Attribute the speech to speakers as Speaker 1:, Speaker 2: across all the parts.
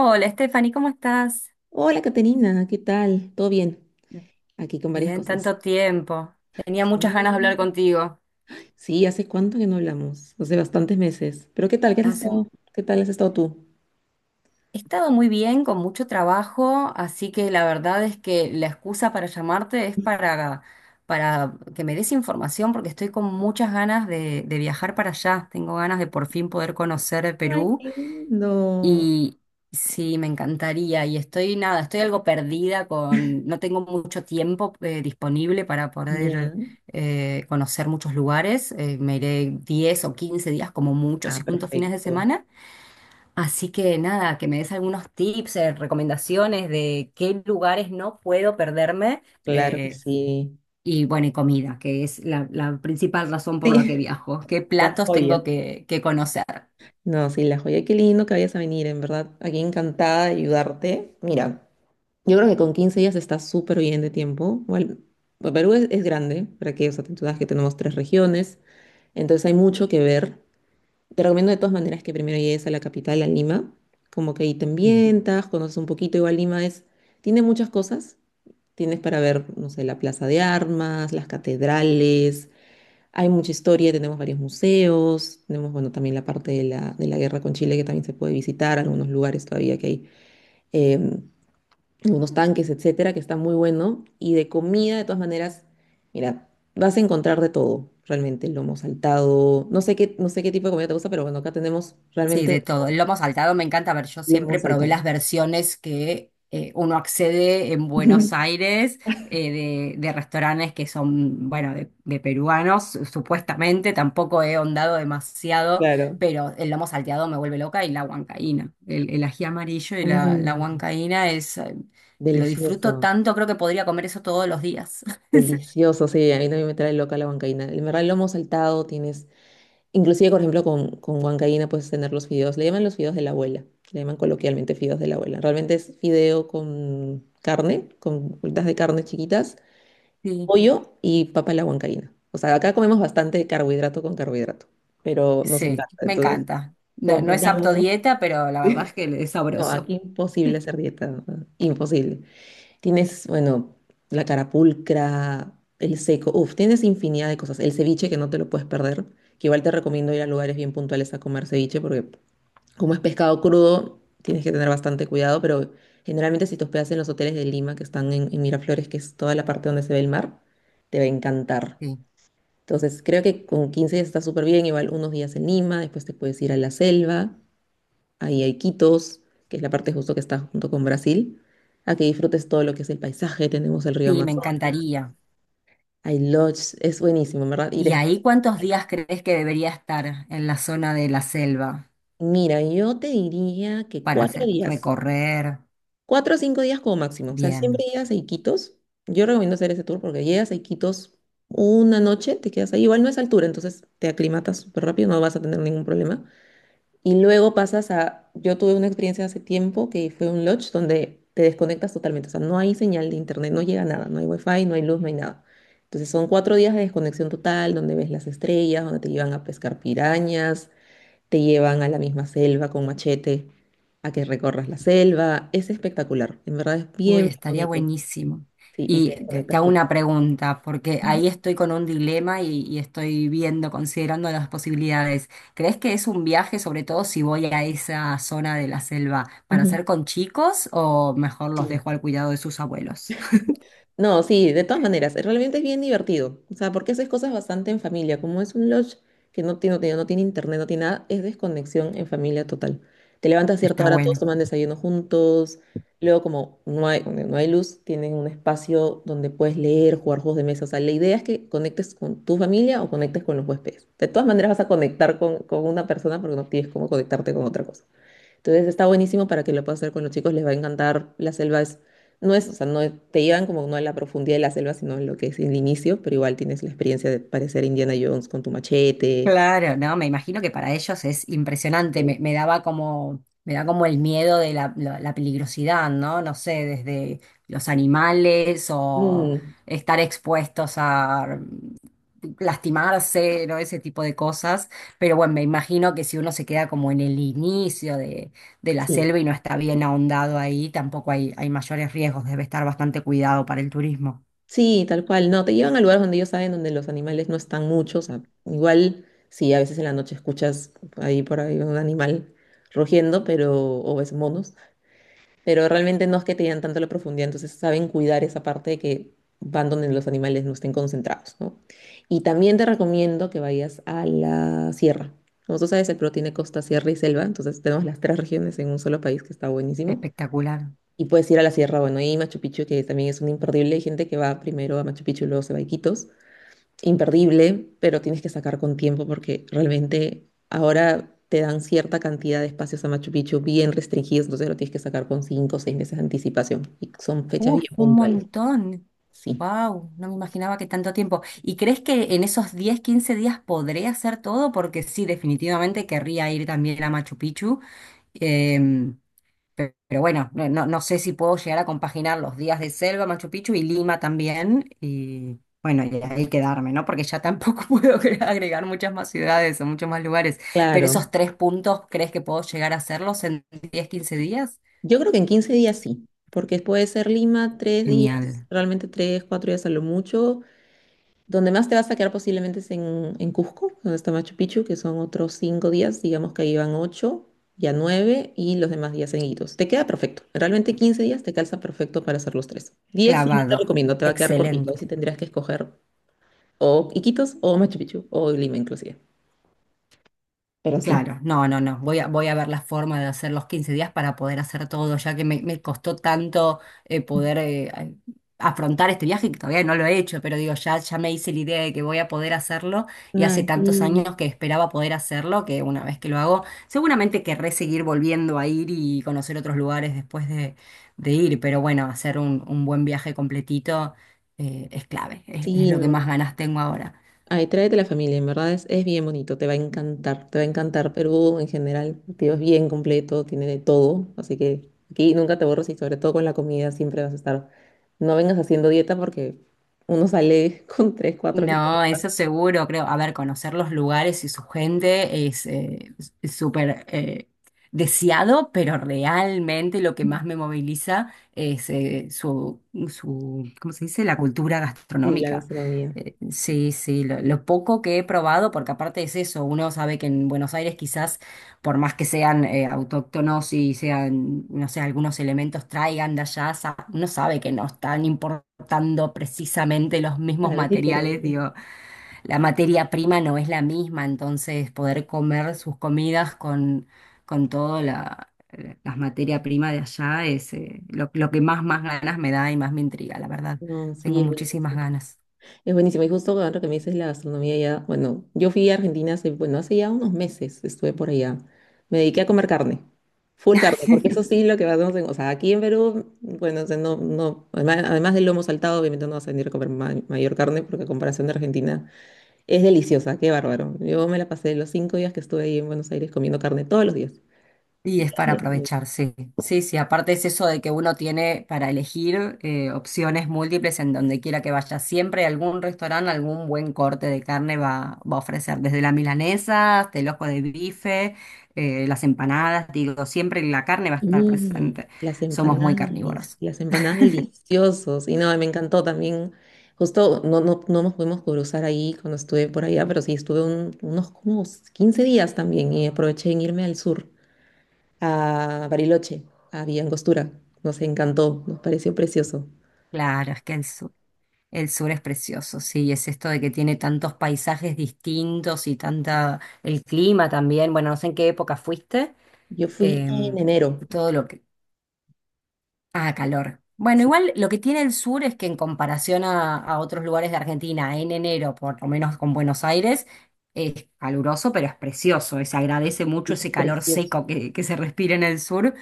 Speaker 1: Hola, Stephanie, ¿cómo estás?
Speaker 2: Hola, Caterina, ¿qué tal? ¿Todo bien? Aquí con varias
Speaker 1: Bien,
Speaker 2: cosas.
Speaker 1: tanto tiempo. Tenía
Speaker 2: Sí,
Speaker 1: muchas ganas de hablar contigo.
Speaker 2: Sí, ¿hace cuánto que no hablamos? Hace bastantes meses. Pero ¿qué tal? ¿Qué has
Speaker 1: Hace-
Speaker 2: estado? ¿Qué tal has estado tú?
Speaker 1: He estado muy bien, con mucho trabajo, así que la verdad es que la excusa para llamarte es para que me des información, porque estoy con muchas ganas de viajar para allá. Tengo ganas de por fin poder conocer el
Speaker 2: Ay,
Speaker 1: Perú.
Speaker 2: qué lindo.
Speaker 1: Y sí, me encantaría. Y estoy, nada, estoy algo perdida con, no tengo mucho tiempo disponible para poder
Speaker 2: Ya.
Speaker 1: conocer muchos lugares. Me iré 10 o 15 días como mucho,
Speaker 2: Ah,
Speaker 1: si junto fines de
Speaker 2: perfecto.
Speaker 1: semana. Así que nada, que me des algunos tips, recomendaciones de qué lugares no puedo perderme.
Speaker 2: Claro que
Speaker 1: eh,
Speaker 2: sí.
Speaker 1: y bueno, y comida, que es la principal razón por la que
Speaker 2: Sí,
Speaker 1: viajo. ¿Qué
Speaker 2: la
Speaker 1: platos
Speaker 2: joya.
Speaker 1: tengo que conocer?
Speaker 2: No, sí, la joya. Qué lindo que vayas a venir, en verdad. Aquí encantada de ayudarte. Mira, yo creo que con 15 días está súper bien de tiempo. Bueno, pues Perú es grande, para que, o sea, tú sabes que tenemos tres regiones, entonces hay mucho que ver. Te recomiendo de todas maneras que primero llegues a la capital, a Lima, como que ahí te ambientas, conoces un poquito, igual Lima es, tiene muchas cosas, tienes para ver, no sé, la Plaza de Armas, las catedrales, hay mucha historia, tenemos varios museos, tenemos, bueno, también la parte de la guerra con Chile que también se puede visitar, algunos lugares todavía que hay. em, Unos tanques, etcétera, que está muy bueno. Y de comida, de todas maneras, mira, vas a encontrar de todo, realmente, lomo saltado. No sé qué, no sé qué tipo de comida te gusta, pero bueno, acá tenemos
Speaker 1: Sí,
Speaker 2: realmente
Speaker 1: de todo. El lomo saltado me encanta. A ver, yo
Speaker 2: lomo
Speaker 1: siempre probé
Speaker 2: saltado.
Speaker 1: las versiones que uno accede en Buenos Aires de restaurantes que son, bueno, de peruanos, supuestamente. Tampoco he ahondado demasiado,
Speaker 2: Claro.
Speaker 1: pero el lomo salteado me vuelve loca y la huancaína. El ají amarillo y la
Speaker 2: Uy,
Speaker 1: huancaína es, lo disfruto
Speaker 2: delicioso,
Speaker 1: tanto, creo que podría comer eso todos los días.
Speaker 2: delicioso. Sí, a mí también me trae loca la huancaína. En verdad, el lomo saltado tienes, inclusive, por ejemplo, con huancaína puedes tener los fideos. Le llaman los fideos de la abuela. Le llaman coloquialmente fideos de la abuela. Realmente es fideo con carne, con bolitas de carne chiquitas
Speaker 1: Sí,
Speaker 2: pollo y papa a la huancaína. O sea, acá comemos bastante carbohidrato con carbohidrato, pero nos
Speaker 1: sí,
Speaker 2: encanta.
Speaker 1: me
Speaker 2: Entonces,
Speaker 1: encanta. No, no es apto
Speaker 2: compramos.
Speaker 1: dieta, pero la verdad es que es
Speaker 2: No,
Speaker 1: sabroso.
Speaker 2: aquí imposible hacer dieta, ¿no? Imposible. Tienes, bueno, la carapulcra, el seco, uf, tienes infinidad de cosas. El ceviche que no te lo puedes perder, que igual te recomiendo ir a lugares bien puntuales a comer ceviche, porque como es pescado crudo, tienes que tener bastante cuidado, pero generalmente si te hospedas en los hoteles de Lima, que están en Miraflores, que es toda la parte donde se ve el mar, te va a encantar.
Speaker 1: Sí,
Speaker 2: Entonces, creo que con 15 días está súper bien, igual unos días en Lima, después te puedes ir a la selva, ahí hay Quitos, que es la parte justo que está junto con Brasil, a que disfrutes todo lo que es el paisaje, tenemos el río
Speaker 1: sí, me
Speaker 2: Amazonas,
Speaker 1: encantaría.
Speaker 2: hay lodge, es buenísimo, ¿en verdad? Y
Speaker 1: ¿Y
Speaker 2: después,
Speaker 1: ahí cuántos días crees que debería estar en la zona de la selva
Speaker 2: mira, yo te diría que
Speaker 1: para
Speaker 2: cuatro
Speaker 1: hacer
Speaker 2: días,
Speaker 1: recorrer?
Speaker 2: 4 o 5 días como máximo, o sea, siempre
Speaker 1: Bien.
Speaker 2: llegas a Iquitos, yo recomiendo hacer ese tour porque llegas a Iquitos una noche, te quedas ahí, igual no es altura, entonces te aclimatas súper rápido, no vas a tener ningún problema. Y luego pasas a, yo tuve una experiencia hace tiempo que fue un lodge donde te desconectas totalmente, o sea, no hay señal de internet, no llega nada, no hay wifi, no hay luz, no hay nada. Entonces son 4 días de desconexión total, donde ves las estrellas, donde te llevan a pescar pirañas, te llevan a la misma selva con machete, a que recorras la selva. Es espectacular, en verdad es
Speaker 1: Uy,
Speaker 2: bien, bien
Speaker 1: estaría
Speaker 2: bonito.
Speaker 1: buenísimo.
Speaker 2: Sí, y
Speaker 1: Y
Speaker 2: te
Speaker 1: te
Speaker 2: desconectas
Speaker 1: hago una
Speaker 2: totalmente.
Speaker 1: pregunta, porque ahí estoy con un dilema y estoy viendo, considerando las posibilidades. ¿Crees que es un viaje, sobre todo si voy a esa zona de la selva, para hacer con chicos o mejor los
Speaker 2: Sí.
Speaker 1: dejo al cuidado de sus abuelos?
Speaker 2: No, sí, de todas maneras, realmente es bien divertido. O sea, porque haces cosas bastante en familia. Como es un lodge que no tiene internet, no tiene nada, es desconexión en familia total. Te levantas a cierta
Speaker 1: Está
Speaker 2: hora, todos
Speaker 1: bueno.
Speaker 2: toman desayuno juntos. Luego, como no hay, donde no hay luz, tienen un espacio donde puedes leer, jugar juegos de mesa. O sea, la idea es que conectes con tu familia o conectes con los huéspedes. De todas maneras, vas a conectar con una persona porque no tienes cómo conectarte con otra cosa. Entonces está buenísimo para que lo puedas hacer con los chicos, les va a encantar. La selva es, no es, o sea, no es- te llevan como no a la profundidad de la selva, sino en lo que es el inicio, pero igual tienes la experiencia de parecer Indiana Jones con tu machete.
Speaker 1: Claro, no, me imagino que para ellos es impresionante,
Speaker 2: Sí.
Speaker 1: me daba como, me da como el miedo de la peligrosidad, ¿no? No sé, desde los animales o
Speaker 2: Mm,
Speaker 1: estar expuestos a lastimarse, ¿no? Ese tipo de cosas. Pero bueno, me imagino que si uno se queda como en el inicio de la
Speaker 2: sí,
Speaker 1: selva y no está bien ahondado ahí, tampoco hay mayores riesgos, debe estar bastante cuidado para el turismo.
Speaker 2: sí, tal cual. No, te llevan a lugares donde ellos saben donde los animales no están muchos. O sea, igual, sí, a veces en la noche escuchas ahí por ahí un animal rugiendo, pero, o ves monos, pero realmente no es que te dan tanto la profundidad, entonces saben cuidar esa parte de que van donde los animales no estén concentrados, ¿no? Y también te recomiendo que vayas a la sierra. Como tú sabes, el Perú tiene costa, sierra y selva, entonces tenemos las tres regiones en un solo país que está buenísimo.
Speaker 1: Espectacular.
Speaker 2: Y puedes ir a la sierra, bueno, y Machu Picchu, que también es un imperdible. Hay gente que va primero a Machu Picchu y luego se va a Iquitos imperdible, pero tienes que sacar con tiempo porque realmente ahora te dan cierta cantidad de espacios a Machu Picchu bien restringidos, entonces lo tienes que sacar con 5 o 6 meses de anticipación y son fechas
Speaker 1: Uf,
Speaker 2: bien
Speaker 1: un
Speaker 2: puntuales.
Speaker 1: montón.
Speaker 2: Sí,
Speaker 1: Wow, no me imaginaba que tanto tiempo. ¿Y crees que en esos 10-15 días podré hacer todo? Porque sí, definitivamente querría ir también a Machu Picchu. Em, Pero bueno, no, no sé si puedo llegar a compaginar los días de Selva, Machu Picchu y Lima también. Y bueno, y ahí quedarme, ¿no? Porque ya tampoco puedo agregar muchas más ciudades o muchos más lugares. Pero
Speaker 2: claro.
Speaker 1: esos tres puntos, ¿crees que puedo llegar a hacerlos en 10-15 días?
Speaker 2: Yo creo que en 15 días sí, porque puede ser Lima 3 días,
Speaker 1: Genial.
Speaker 2: realmente tres, 4 días a lo mucho. Donde más te vas a quedar posiblemente es en Cusco, donde está Machu Picchu, que son otros 5 días, digamos que ahí van ocho, ya nueve, y los demás días seguidos. Te queda perfecto. Realmente 15 días te calza perfecto para hacer los tres. Diez sí no te
Speaker 1: Clavado.
Speaker 2: recomiendo, te va a quedar cortito.
Speaker 1: Excelente.
Speaker 2: Ahí sí tendrías que escoger o Iquitos o Machu Picchu o Lima inclusive. Pero sí.
Speaker 1: Claro, no, no, no. Voy a, voy a ver la forma de hacer los 15 días para poder hacer todo, ya que me costó tanto poder afrontar este viaje, que todavía no lo he hecho, pero digo, ya me hice la idea de que voy a poder hacerlo y hace
Speaker 2: Ay,
Speaker 1: tantos
Speaker 2: sí,
Speaker 1: años que esperaba poder hacerlo, que una vez que lo hago, seguramente querré seguir volviendo a ir y conocer otros lugares después de ir, pero bueno, hacer un buen viaje completito, es clave, es
Speaker 2: sí,
Speaker 1: lo que más
Speaker 2: no.
Speaker 1: ganas tengo ahora.
Speaker 2: Ay, tráete la familia, en verdad es bien bonito, te va a encantar, te va a encantar. Perú en general, tío, es bien completo, tiene de todo, así que aquí nunca te borras y sobre todo con la comida siempre vas a estar. No vengas haciendo dieta porque uno sale con 3 4 kilos de
Speaker 1: No,
Speaker 2: más
Speaker 1: eso seguro, creo. A ver, conocer los lugares y su gente es súper deseado, pero realmente lo que más me moviliza es su, su, ¿cómo se dice? La cultura
Speaker 2: y la
Speaker 1: gastronómica.
Speaker 2: gastronomía.
Speaker 1: Sí, sí, lo poco que he probado, porque aparte es eso, uno sabe que en Buenos Aires quizás, por más que sean autóctonos y sean, no sé, algunos elementos traigan de allá, uno sabe que no es tan importante adaptando precisamente los mismos
Speaker 2: Claro, es
Speaker 1: materiales,
Speaker 2: diferente.
Speaker 1: digo, la materia prima no es la misma, entonces poder comer sus comidas con toda las materia prima de allá es lo que más ganas me da y más me intriga, la verdad.
Speaker 2: No, sí,
Speaker 1: Tengo
Speaker 2: es
Speaker 1: muchísimas
Speaker 2: buenísimo.
Speaker 1: ganas.
Speaker 2: Es buenísimo. Y justo ahora que me dices la gastronomía ya, bueno, yo fui a Argentina hace, bueno, hace ya unos meses estuve por allá. Me dediqué a comer carne. Full carne, porque eso sí lo que hacemos en, o sea, aquí en Perú, bueno, o sea, no, no, además, además del lomo saltado, obviamente no vas a venir a comer mayor carne, porque a comparación de Argentina es deliciosa, qué bárbaro. Yo me la pasé los 5 días que estuve ahí en Buenos Aires comiendo carne todos los días.
Speaker 1: Y es para aprovechar, sí. Sí, sí, aparte es eso de que uno tiene para elegir opciones múltiples en donde quiera que vaya. Siempre algún restaurante, algún buen corte de carne va a ofrecer, desde la milanesa hasta el ojo de bife, las empanadas, digo, siempre la carne va a estar
Speaker 2: Y
Speaker 1: presente.
Speaker 2: las
Speaker 1: Somos muy
Speaker 2: empanadas,
Speaker 1: carnívoros.
Speaker 2: las empanadas deliciosas. Y no, me encantó también. Justo no, no, no nos pudimos cruzar ahí cuando estuve por allá, pero sí estuve unos como 15 días también y aproveché en irme al sur, a Bariloche, a Villa Angostura. Nos encantó, nos pareció precioso.
Speaker 1: Claro, es que el sur es precioso, sí, es esto de que tiene tantos paisajes distintos y tanta, el clima también, bueno, no sé en qué época fuiste.
Speaker 2: Yo fui en
Speaker 1: em,
Speaker 2: enero.
Speaker 1: Todo lo que, ah, calor. Bueno,
Speaker 2: Sí,
Speaker 1: igual lo que tiene el sur es que en comparación a otros lugares de Argentina, en enero, por lo menos con Buenos Aires, es caluroso, pero es precioso. Se agradece
Speaker 2: y
Speaker 1: mucho
Speaker 2: es
Speaker 1: ese calor
Speaker 2: precioso,
Speaker 1: seco que se respira en el sur,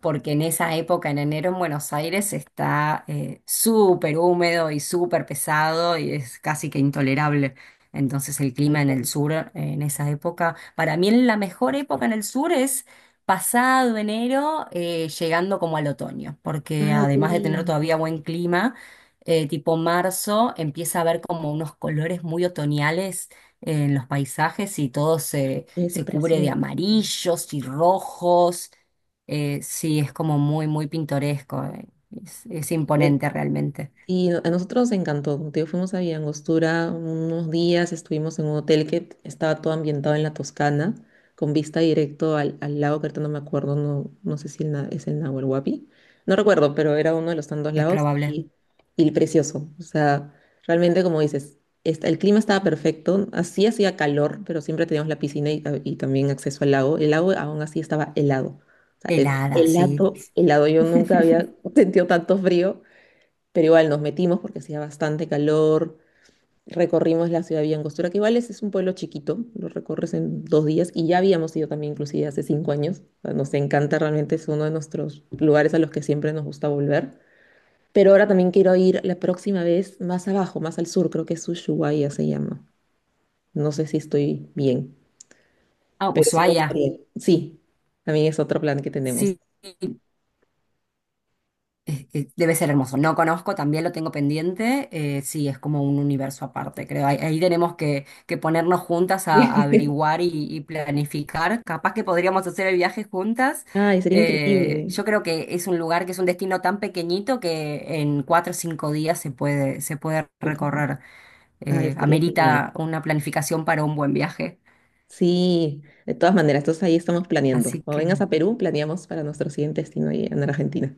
Speaker 1: porque en esa época, en enero, en Buenos Aires está súper húmedo y súper pesado y es casi que intolerable. Entonces el
Speaker 2: tal
Speaker 1: clima en el
Speaker 2: cual.
Speaker 1: sur, en esa época, para mí la mejor época en el sur pasado enero, llegando como al otoño, porque
Speaker 2: Ay, qué
Speaker 1: además de tener todavía
Speaker 2: lindo.
Speaker 1: buen clima, tipo marzo, empieza a haber como unos colores muy otoñales en los paisajes y todo se,
Speaker 2: Debe ser
Speaker 1: se cubre de
Speaker 2: precioso.
Speaker 1: amarillos y rojos. Sí, es como muy, muy pintoresco. Es imponente realmente,
Speaker 2: Y a nosotros nos encantó. Como te digo, fuimos a Villangostura unos días, estuvimos en un hotel que estaba todo ambientado en la Toscana, con vista directo al, al lago, que ahorita no me acuerdo, no, no sé si es el Nahuel Huapi. No recuerdo, pero era uno de los tantos
Speaker 1: es
Speaker 2: lagos
Speaker 1: probable.
Speaker 2: y precioso. O sea, realmente, como dices, el clima estaba perfecto. Así hacía calor, pero siempre teníamos la piscina y, ah, y también acceso al lago. El lago aún así estaba helado. O sea, es
Speaker 1: Helada, sí.
Speaker 2: helado, helado. Yo nunca había sentido tanto frío pero igual nos metimos porque hacía bastante calor, recorrimos la ciudad de Villa Angostura, que igual es un pueblo chiquito, lo recorres en 2 días y ya habíamos ido también inclusive hace 5 años. O sea, nos encanta realmente, es uno de nuestros lugares a los que siempre nos gusta volver, pero ahora también quiero ir la próxima vez más abajo, más al sur, creo que es Ushuaia se llama, no sé si estoy bien,
Speaker 1: Ah,
Speaker 2: pero sí me
Speaker 1: Ushuaia,
Speaker 2: gustaría, sí, también es otro plan que tenemos.
Speaker 1: sí. Es que debe ser hermoso. No conozco, también lo tengo pendiente. Sí, es como un universo aparte, creo. Ahí tenemos que ponernos juntas a averiguar y planificar. Capaz que podríamos hacer el viaje juntas.
Speaker 2: Ay, sería increíble.
Speaker 1: Yo creo que es un lugar que es un destino tan pequeñito que en 4 o 5 días se puede
Speaker 2: Recorrer.
Speaker 1: recorrer.
Speaker 2: Ay, estaría genial.
Speaker 1: Amerita una planificación para un buen viaje.
Speaker 2: Sí, de todas maneras, entonces ahí estamos planeando.
Speaker 1: Así
Speaker 2: Cuando
Speaker 1: que,
Speaker 2: vengas
Speaker 1: bueno.
Speaker 2: a Perú, planeamos para nuestro siguiente destino ahí en Argentina.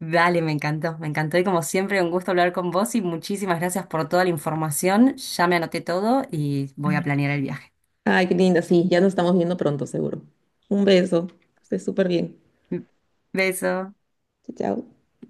Speaker 1: Dale, me encantó y como siempre un gusto hablar con vos y muchísimas gracias por toda la información. Ya me anoté todo y voy a planear el viaje.
Speaker 2: Ay, qué linda, sí, ya nos estamos viendo pronto, seguro. Un beso, estés súper bien.
Speaker 1: Beso.
Speaker 2: Chao, chao.